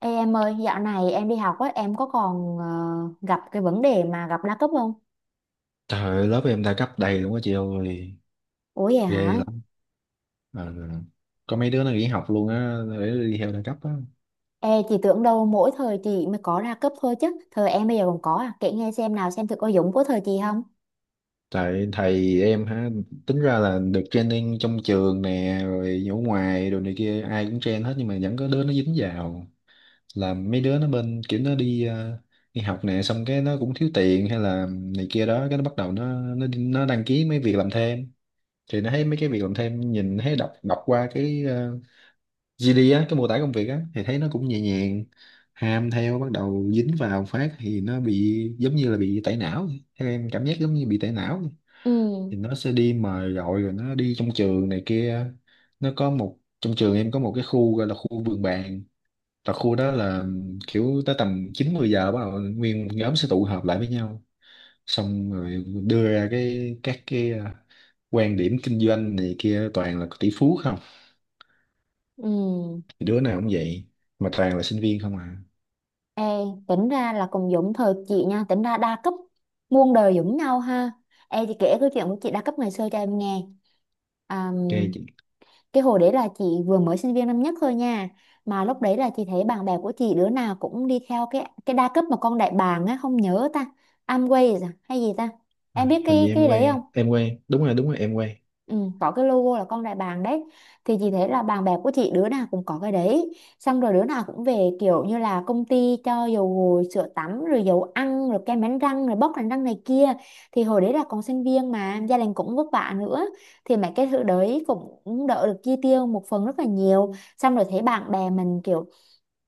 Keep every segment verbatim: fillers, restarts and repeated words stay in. Ê em ơi, dạo này em đi học á, em có còn ờ, gặp cái vấn đề mà gặp đa cấp không? Trời ơi, lớp em đa cấp đầy luôn á chị ơi, Ủa vậy ghê hả? lắm. Ờ, Có mấy đứa nó nghỉ học luôn á, để đi theo đa cấp á. Ê, chị tưởng đâu mỗi thời chị mới có đa cấp thôi chứ. Thời em bây giờ còn có à? Kể nghe xem nào, xem thử có giống của thời chị không? Tại thầy em ha, tính ra là được training trong trường nè, rồi ở ngoài, đồ này kia, ai cũng train hết nhưng mà vẫn có đứa nó dính vào. Là mấy đứa nó bên kiểu nó đi ờ, đi học nè, xong cái nó cũng thiếu tiền hay là này kia đó, cái nó bắt đầu nó nó nó đăng ký mấy việc làm thêm. Thì nó thấy mấy cái việc làm thêm nhìn thấy đọc đọc qua cái ờ, gi đi á, cái mô tả công việc á thì thấy nó cũng nhẹ nhàng, ham theo bắt đầu dính vào phát thì nó bị giống như là bị tẩy não vậy. Theo em cảm giác giống như bị tẩy não vậy. Ừ, Thì nó sẽ đi mời gọi rồi nó đi trong trường này kia, nó có một, trong trường em có một cái khu gọi là khu vườn bàn, và khu đó là kiểu tới tầm chín mười giờ bắt đầu nguyên một nhóm sẽ tụ họp lại với nhau, xong rồi đưa ra cái các cái à, quan điểm kinh doanh này kia, toàn là tỷ phú không. ừ. Thì đứa nào cũng vậy, mà toàn là sinh viên không à. Ê, tính ra là cùng giống thời chị nha, tính ra đa cấp muôn đời giống nhau ha. Ê, chị kể câu chuyện của chị đa cấp ngày xưa cho em nghe. À, Ok chị. cái hồi đấy là chị vừa mới sinh viên năm nhất thôi nha, mà lúc đấy là chị thấy bạn bè của chị đứa nào cũng đi theo cái cái đa cấp mà con đại bàng á, không nhớ ta, Amway à, hay gì ta, À, em biết hình như cái em cái đấy không? quen em quen, đúng rồi đúng rồi em quen. Ừ, có cái logo là con đại bàng đấy. Thì chị thấy là bạn bè của chị đứa nào cũng có cái đấy, xong rồi đứa nào cũng về kiểu như là công ty cho dầu gội, sữa tắm, rồi dầu ăn, rồi kem đánh răng, rồi bóc đánh răng này kia. Thì hồi đấy là còn sinh viên mà gia đình cũng vất vả nữa, thì mấy cái thứ đấy cũng cũng đỡ được chi tiêu một phần rất là nhiều. Xong rồi thấy bạn bè mình kiểu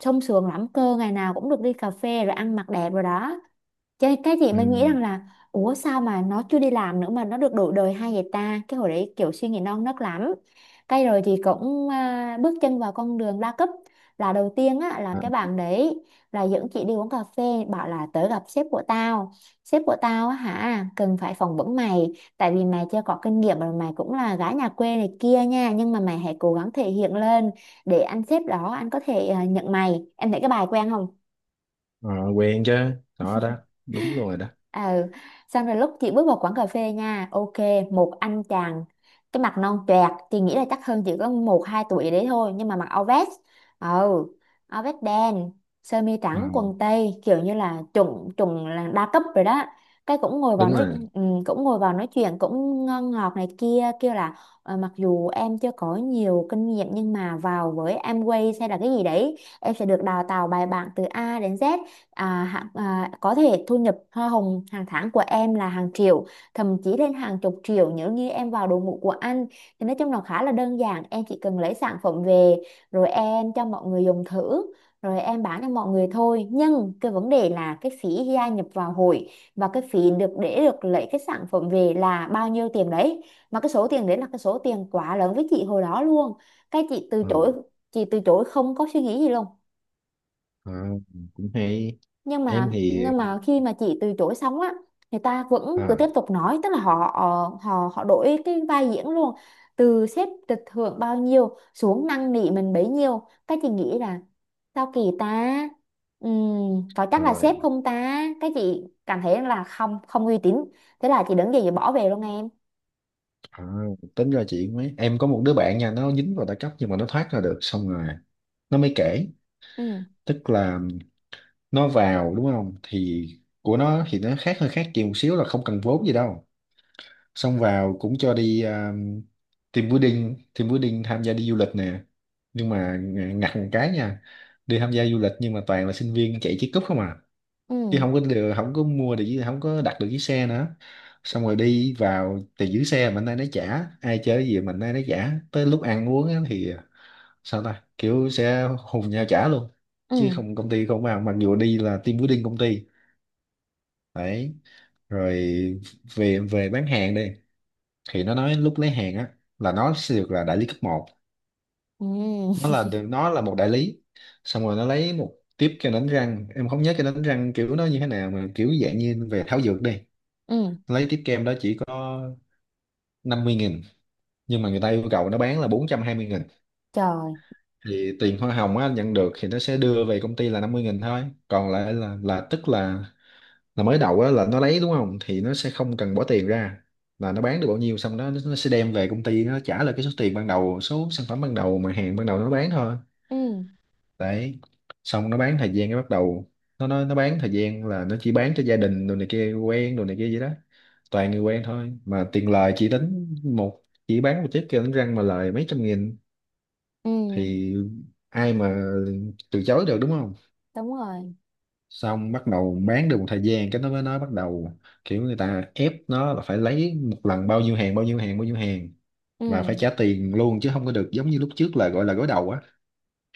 sung sướng lắm cơ, ngày nào cũng được đi cà phê rồi ăn mặc đẹp rồi đó. cái cái chị Ừ. mới nghĩ rằng là, ủa sao mà nó chưa đi làm nữa mà nó được đổi đời hay vậy ta? Cái hồi đấy kiểu suy nghĩ non nớt lắm. Cái rồi thì cũng à, bước chân vào con đường đa cấp. Là đầu tiên á, là À. cái bạn đấy là dẫn chị đi uống cà phê, bảo là tới gặp sếp của tao. Sếp của tao á hả, cần phải phỏng vấn mày, tại vì mày chưa có kinh nghiệm rồi mày cũng là gái nhà quê này kia nha, nhưng mà mày hãy cố gắng thể hiện lên để anh sếp đó anh có thể à, nhận mày. Em thấy cái bài quen không? À, quen chứ. Đó đó, đúng rồi đó. Ừ, xong rồi lúc chị bước vào quán cà phê nha, ok, một anh chàng, cái mặt non choẹt, chị nghĩ là chắc hơn chỉ có một hai tuổi đấy thôi, nhưng mà mặc áo vest. Ừ, áo vest đen, sơ mi À, trắng, quần tây, kiểu như là chuẩn chuẩn là đa cấp rồi đó. Cái cũng ngồi vào đúng nói. rồi. Ừ, cũng ngồi vào nói chuyện cũng ngon ngọt này kia, kêu là: "Ờ, mặc dù em chưa có nhiều kinh nghiệm nhưng mà vào với Amway hay là cái gì đấy em sẽ được đào tạo bài bản từ A đến Z. À, hạ- à, có thể thu nhập hoa hồng hàng tháng của em là hàng triệu, thậm chí lên hàng chục triệu nếu như em vào đội ngũ của anh. Thì nói chung là khá là đơn giản, em chỉ cần lấy sản phẩm về rồi em cho mọi người dùng thử rồi em bán cho mọi người thôi." Nhưng cái vấn đề là cái phí gia nhập vào hội và cái phí được, để được lấy cái sản phẩm về là bao nhiêu tiền đấy, mà cái số tiền đấy là cái số tiền quá lớn với chị hồi đó luôn. Cái chị từ À. chối. Chị từ chối không có suy nghĩ gì luôn. À, cũng hay. nhưng mà Em thì. nhưng mà khi mà chị từ chối xong á, người ta vẫn cứ À, tiếp tục nói, tức là họ ờ, họ họ đổi cái vai diễn luôn. Từ sếp được thưởng bao nhiêu xuống năn nỉ mình bấy nhiêu. Cái chị nghĩ là sao kỳ ta? Ừm, có chắc là sếp rồi. không ta? Cái chị cảm thấy là không, không uy tín. Thế là chị đứng dậy chị bỏ về luôn em. À, tính ra chị, mấy em có một đứa bạn nha, nó dính vào đa cấp nhưng mà nó thoát ra được xong rồi nó mới kể. Ừ, Tức là nó vào đúng không, thì của nó thì nó khác, hơi khác chị một xíu, là không cần vốn gì đâu. Xong vào cũng cho đi, à, team building team building tham gia đi du lịch nè. Nhưng mà ng- ngặt một cái nha, đi tham gia du lịch nhưng mà toàn là sinh viên chạy chiếc cúp không à, ừ, chứ không có được, không có mua được chiếc- không có đặt được chiếc xe nữa. Xong rồi đi vào thì giữ xe mình nay nó trả, ai chơi cái gì mình nay nó trả, tới lúc ăn uống á thì sao ta, kiểu sẽ hùng nhau trả luôn ừ, chứ không, công ty không vào, mặc dù đi là team building công ty. Đấy. Rồi về về bán hàng đi, thì nó nói lúc lấy hàng á là nó sẽ được là đại lý cấp một. Nó ừ, là được, nó là một đại lý. Xong rồi nó lấy một tiếp kem đánh răng, em không nhớ cái đánh răng kiểu nó như thế nào, mà kiểu dạng như về thảo dược đi. ừ, Lấy tiếp kem đó chỉ có năm mươi nghìn, nhưng mà người ta yêu cầu nó bán là bốn trăm hai mươi nghìn. trời, Thì tiền hoa hồng á, nhận được thì nó sẽ đưa về công ty là năm mươi nghìn thôi. Còn lại là là tức là, là mới đầu á, là nó lấy đúng không thì nó sẽ không cần bỏ tiền ra, là nó bán được bao nhiêu xong đó nó nó sẽ đem về công ty, nó trả lại cái số tiền ban đầu, số sản phẩm ban đầu mà hàng ban đầu nó bán thôi. ừ, Đấy. Xong nó bán thời gian cái bắt đầu, nó nó nó bán thời gian là nó chỉ bán cho gia đình đồ này kia, quen đồ này kia vậy đó, toàn người quen thôi, mà tiền lời chỉ tính một, chỉ bán một chiếc kia đánh răng mà lời mấy trăm nghìn. ừ, Thì ai mà từ chối được, đúng không? đúng rồi, Xong bắt đầu bán được một thời gian cái nó mới nói, bắt đầu kiểu người ta ép nó là phải lấy một lần bao nhiêu hàng bao nhiêu hàng bao nhiêu hàng, ừ, và phải trả tiền luôn chứ không có được giống như lúc trước là gọi là gối đầu á,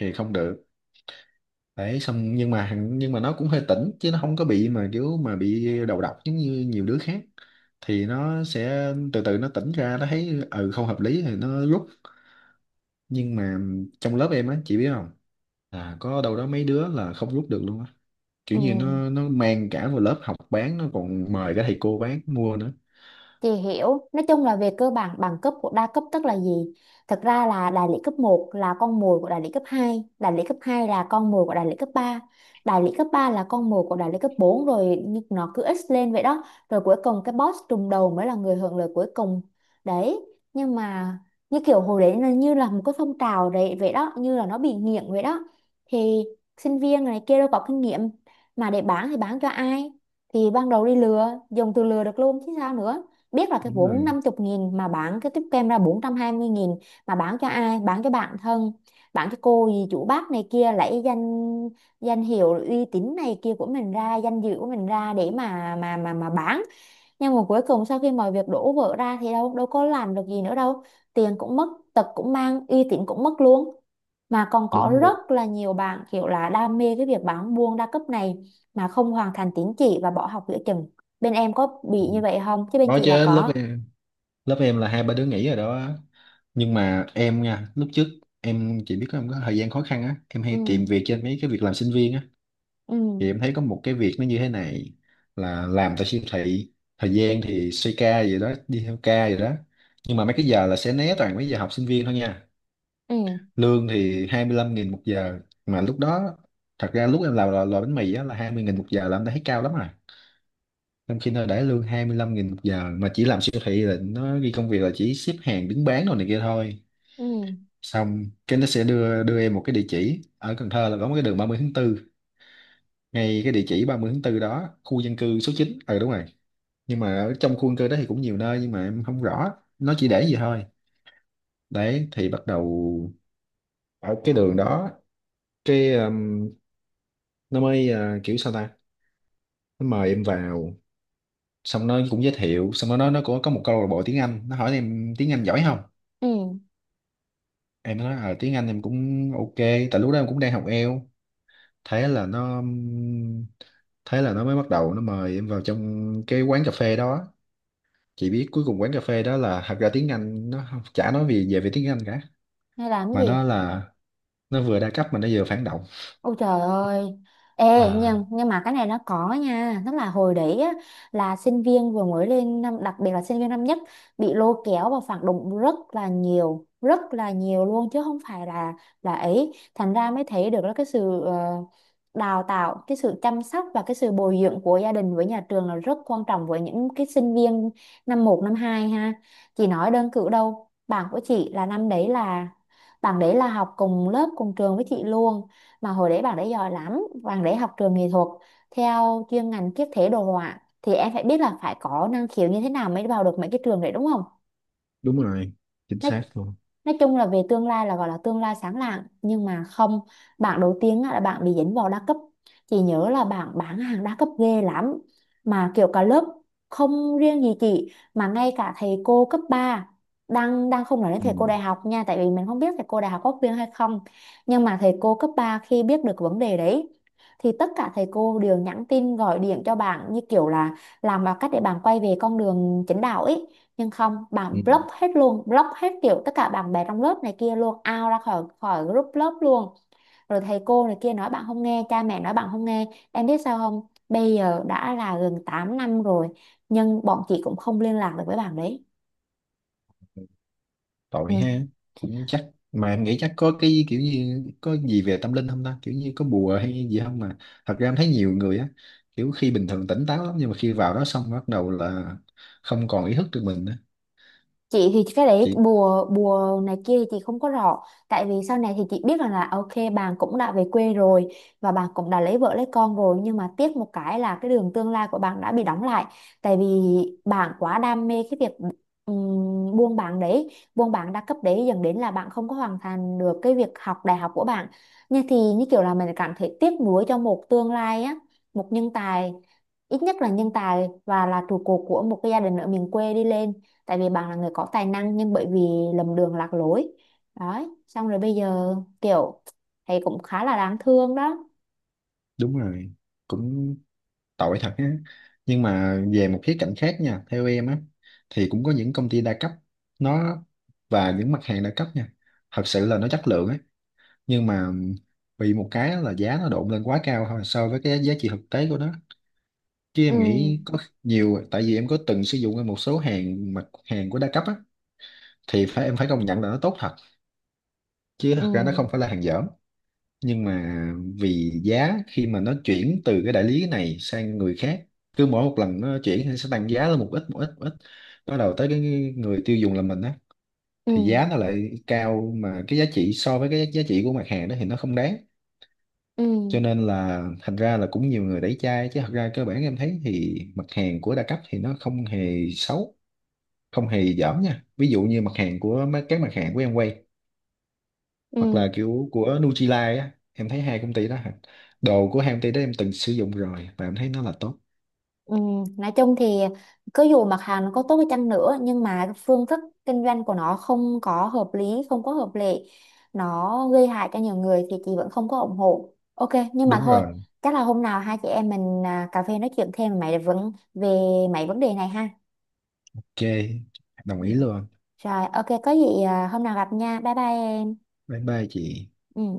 thì không được. Đấy. Xong nhưng mà hằng- nhưng mà nó cũng hơi tỉnh chứ nó không có bị mà kiểu mà bị đầu độc giống như nhiều đứa khác, thì nó sẽ từ từ nó tỉnh ra, nó thấy ừ không hợp lý thì nó rút. Nhưng mà trong lớp em á, chị biết không, là có đâu đó mấy đứa là không rút được luôn á, ừ. kiểu như nó nó mang cả vào lớp học bán, nó còn mời cả thầy cô bán mua nữa. Chị hiểu, nói chung là về cơ bản bằng cấp của đa cấp tức là gì? Thật ra là đại lý cấp một là con mồi của đại lý cấp hai, đại lý cấp hai là con mồi của đại lý cấp ba, đại lý cấp ba là con mồi của đại lý cấp bốn, rồi như nó cứ x lên vậy đó, rồi cuối cùng cái boss trùng đầu mới là người hưởng lợi cuối cùng. Đấy, nhưng mà như kiểu hồi đấy là như là một cái phong trào đấy vậy đó, như là nó bị nghiện vậy đó. Thì sinh viên này kia đâu có kinh nghiệm mà để bán, thì bán cho ai? Thì ban đầu đi lừa, dùng từ lừa được luôn chứ sao nữa, biết là cái Đúng vốn rồi. 50 nghìn mà bán cái tiếp kem ra bốn trăm hai mươi nghìn, mà bán cho ai, bán cho bạn thân, bán cho cô gì chủ bác này kia, lấy danh, danh hiệu uy tín này kia của mình ra, danh dự của mình ra để mà mà mà mà bán. Nhưng mà cuối cùng sau khi mọi việc đổ vỡ ra thì đâu đâu có làm được gì nữa đâu, tiền cũng mất, tật cũng mang, uy tín cũng mất luôn. Mà còn có Đúng rồi rất là nhiều bạn kiểu là đam mê cái việc bán buôn đa cấp này mà không hoàn thành tín chỉ và bỏ học giữa chừng. Bên em có bị như vậy không, chứ bên đó. chị là Chứ lớp có. em lớp em là hai ba đứa nghỉ rồi đó. Nhưng mà em nha, lúc trước em chỉ biết có, em có thời gian khó khăn á em Ừ, hay tìm việc trên mấy cái việc làm sinh viên á. ừ, Thì em thấy có một cái việc nó như thế này, là làm tại siêu thị, thời gian thì xoay ca vậy đó, đi theo ca vậy đó, nhưng mà mấy cái giờ là sẽ né toàn mấy giờ học sinh viên thôi nha. ừ, Lương thì hai mươi lăm nghìn một giờ. Mà lúc đó, thật ra lúc em làm lò, lò bánh mì á là hai mươi nghìn một giờ là em đã thấy cao lắm rồi, trong khi nó để lương hai mươi lăm nghìn một giờ mà chỉ làm siêu thị, là nó ghi công việc là chỉ xếp hàng đứng bán đồ này kia thôi. ừ, Xong cái nó sẽ đưa đưa em một cái địa chỉ ở Cần Thơ, là có một cái đường ba mươi tháng tư, ngay cái địa chỉ ba mươi tháng tư đó, khu dân cư số chín. Ừ, đúng rồi. Nhưng mà ở trong khu dân cư đó thì cũng nhiều nơi, nhưng mà em không rõ, nó chỉ để gì thôi. Đấy. Thì bắt đầu ở cái đường đó, cái um, nó mới, uh, kiểu sao ta, nó mời em vào, xong nó cũng giới thiệu, xong nó nói nó có có một câu lạc bộ tiếng Anh, nó hỏi em tiếng Anh giỏi không. ừ, Em nói ờ tiếng Anh em cũng ok, tại lúc đó em cũng đang học Eo. thế là nó thế là nó mới bắt đầu nó mời em vào trong cái quán cà phê đó. Chị biết cuối cùng quán cà phê đó là, thật ra tiếng Anh nó không- chả nói gì về về tiếng Anh cả, hay làm cái mà nó gì? là, nó vừa đa cấp mà nó vừa phản động. Ôi trời ơi. Ê À, nhưng, nhưng mà cái này nó có nha. Tức là hồi đấy á, là sinh viên vừa mới lên năm, đặc biệt là sinh viên năm nhất, bị lôi kéo vào phản động rất là nhiều, rất là nhiều luôn, chứ không phải là là ấy. Thành ra mới thấy được là cái sự ờ, đào tạo, cái sự chăm sóc và cái sự bồi dưỡng của gia đình với nhà trường là rất quan trọng với những cái sinh viên năm một năm hai ha. Chị nói đơn cử đâu, bạn của chị là năm đấy là, bạn đấy là học cùng lớp cùng trường với chị luôn, mà hồi đấy bạn đấy giỏi lắm, bạn đấy học trường nghệ thuật, theo chuyên ngành kiếp thể đồ họa, thì em phải biết là phải có năng khiếu như thế nào mới vào được mấy cái trường đấy đúng không. đúng rồi, chính nói xác luôn. nói chung là về tương lai là gọi là tương lai sáng lạng, nhưng mà không, bạn đầu tiên á, là bạn bị dính vào đa cấp. Chị nhớ là bạn bán hàng đa cấp ghê lắm, mà kiểu cả lớp, không riêng gì chị mà ngay cả thầy cô cấp ba, đang đang không nói đến Ừ. thầy cô đại học nha, tại vì mình không biết thầy cô đại học có khuyên hay không, nhưng mà thầy cô cấp ba khi biết được vấn đề đấy thì tất cả thầy cô đều nhắn tin gọi điện cho bạn, như kiểu là làm mọi cách để bạn quay về con đường chính đạo ấy. Nhưng không, bạn Ừ. block hết luôn, block hết kiểu tất cả bạn bè trong lớp này kia luôn, out ra khỏi khỏi group lớp luôn, rồi thầy cô này kia nói bạn không nghe, cha mẹ nói bạn không nghe. Em biết sao không, bây giờ đã là gần tám năm rồi nhưng bọn chị cũng không liên lạc được với bạn đấy. Tội ha. Ừ. Cũng chắc, mà em nghĩ chắc có cái kiểu như có gì về tâm linh không ta, kiểu như có bùa hay gì không, mà thật ra em thấy nhiều người á, kiểu khi bình thường tỉnh táo lắm nhưng mà khi vào đó xong bắt đầu là không còn ý thức được mình nữa. Chị thì cái đấy Chị, bùa bùa này kia thì chị không có rõ, tại vì sau này thì chị biết rằng là à, ok, bạn cũng đã về quê rồi và bạn cũng đã lấy vợ lấy con rồi, nhưng mà tiếc một cái là cái đường tương lai của bạn đã bị đóng lại, tại vì bạn quá đam mê cái việc ừm, buôn bán đấy, buôn bán đa cấp đấy, dẫn đến là bạn không có hoàn thành được cái việc học đại học của bạn. Như thì như kiểu là mình cảm thấy tiếc nuối cho một tương lai á, một nhân tài, ít nhất là nhân tài và là trụ cột của một cái gia đình ở miền quê đi lên, tại vì bạn là người có tài năng nhưng bởi vì lầm đường lạc lối. Đấy, xong rồi bây giờ kiểu thấy cũng khá là đáng thương đó. đúng rồi, cũng tội thật á. Nhưng mà về một khía cạnh khác nha, theo em á, thì cũng có những công ty đa cấp nó, và những mặt hàng đa cấp nha, thật sự là nó chất lượng ấy. Nhưng mà bị một cái là giá nó độn lên quá cao thôi, so với cái giá trị thực tế của nó. Chứ Ừ, em nghĩ có nhiều, tại vì em có từng sử dụng một số hàng, mặt hàng của đa cấp á, thì phải, em phải công nhận là nó tốt thật, chứ ừ, thật ra nó không phải là hàng dở. Nhưng mà vì giá khi mà nó chuyển từ cái đại lý này sang người khác, cứ mỗi một lần nó chuyển thì sẽ tăng giá lên một ít, một ít, một ít, bắt đầu tới cái người tiêu dùng là mình á, ừ, thì giá nó lại cao, mà cái giá trị so với cái giá trị của mặt hàng đó thì nó không đáng. ừ, Cho nên là thành ra là cũng nhiều người đẩy chai, chứ thật ra cơ bản em thấy thì mặt hàng của đa cấp thì nó không hề xấu, không hề dởm nha. Ví dụ như mặt hàng của mấy- các mặt hàng của em quay, hoặc là ừ, kiểu của Nutrilite á, em thấy hai công ty đó hả, đồ của hai công ty đó em từng sử dụng rồi và em thấy nó là tốt. ừ. Nói chung thì cứ dù mặt hàng nó có tốt đi chăng nữa nhưng mà cái phương thức kinh doanh của nó không có hợp lý, không có hợp lệ, nó gây hại cho nhiều người thì chị vẫn không có ủng hộ, ok, nhưng mà Đúng thôi, rồi. chắc là hôm nào hai chị em mình à, cà phê nói chuyện thêm về mấy vấn về mấy vấn đề này ha. Ok, đồng ý luôn. Rồi, ok, có gì à, hôm nào gặp nha. Bye bye em. Bye bye chị. Ừ.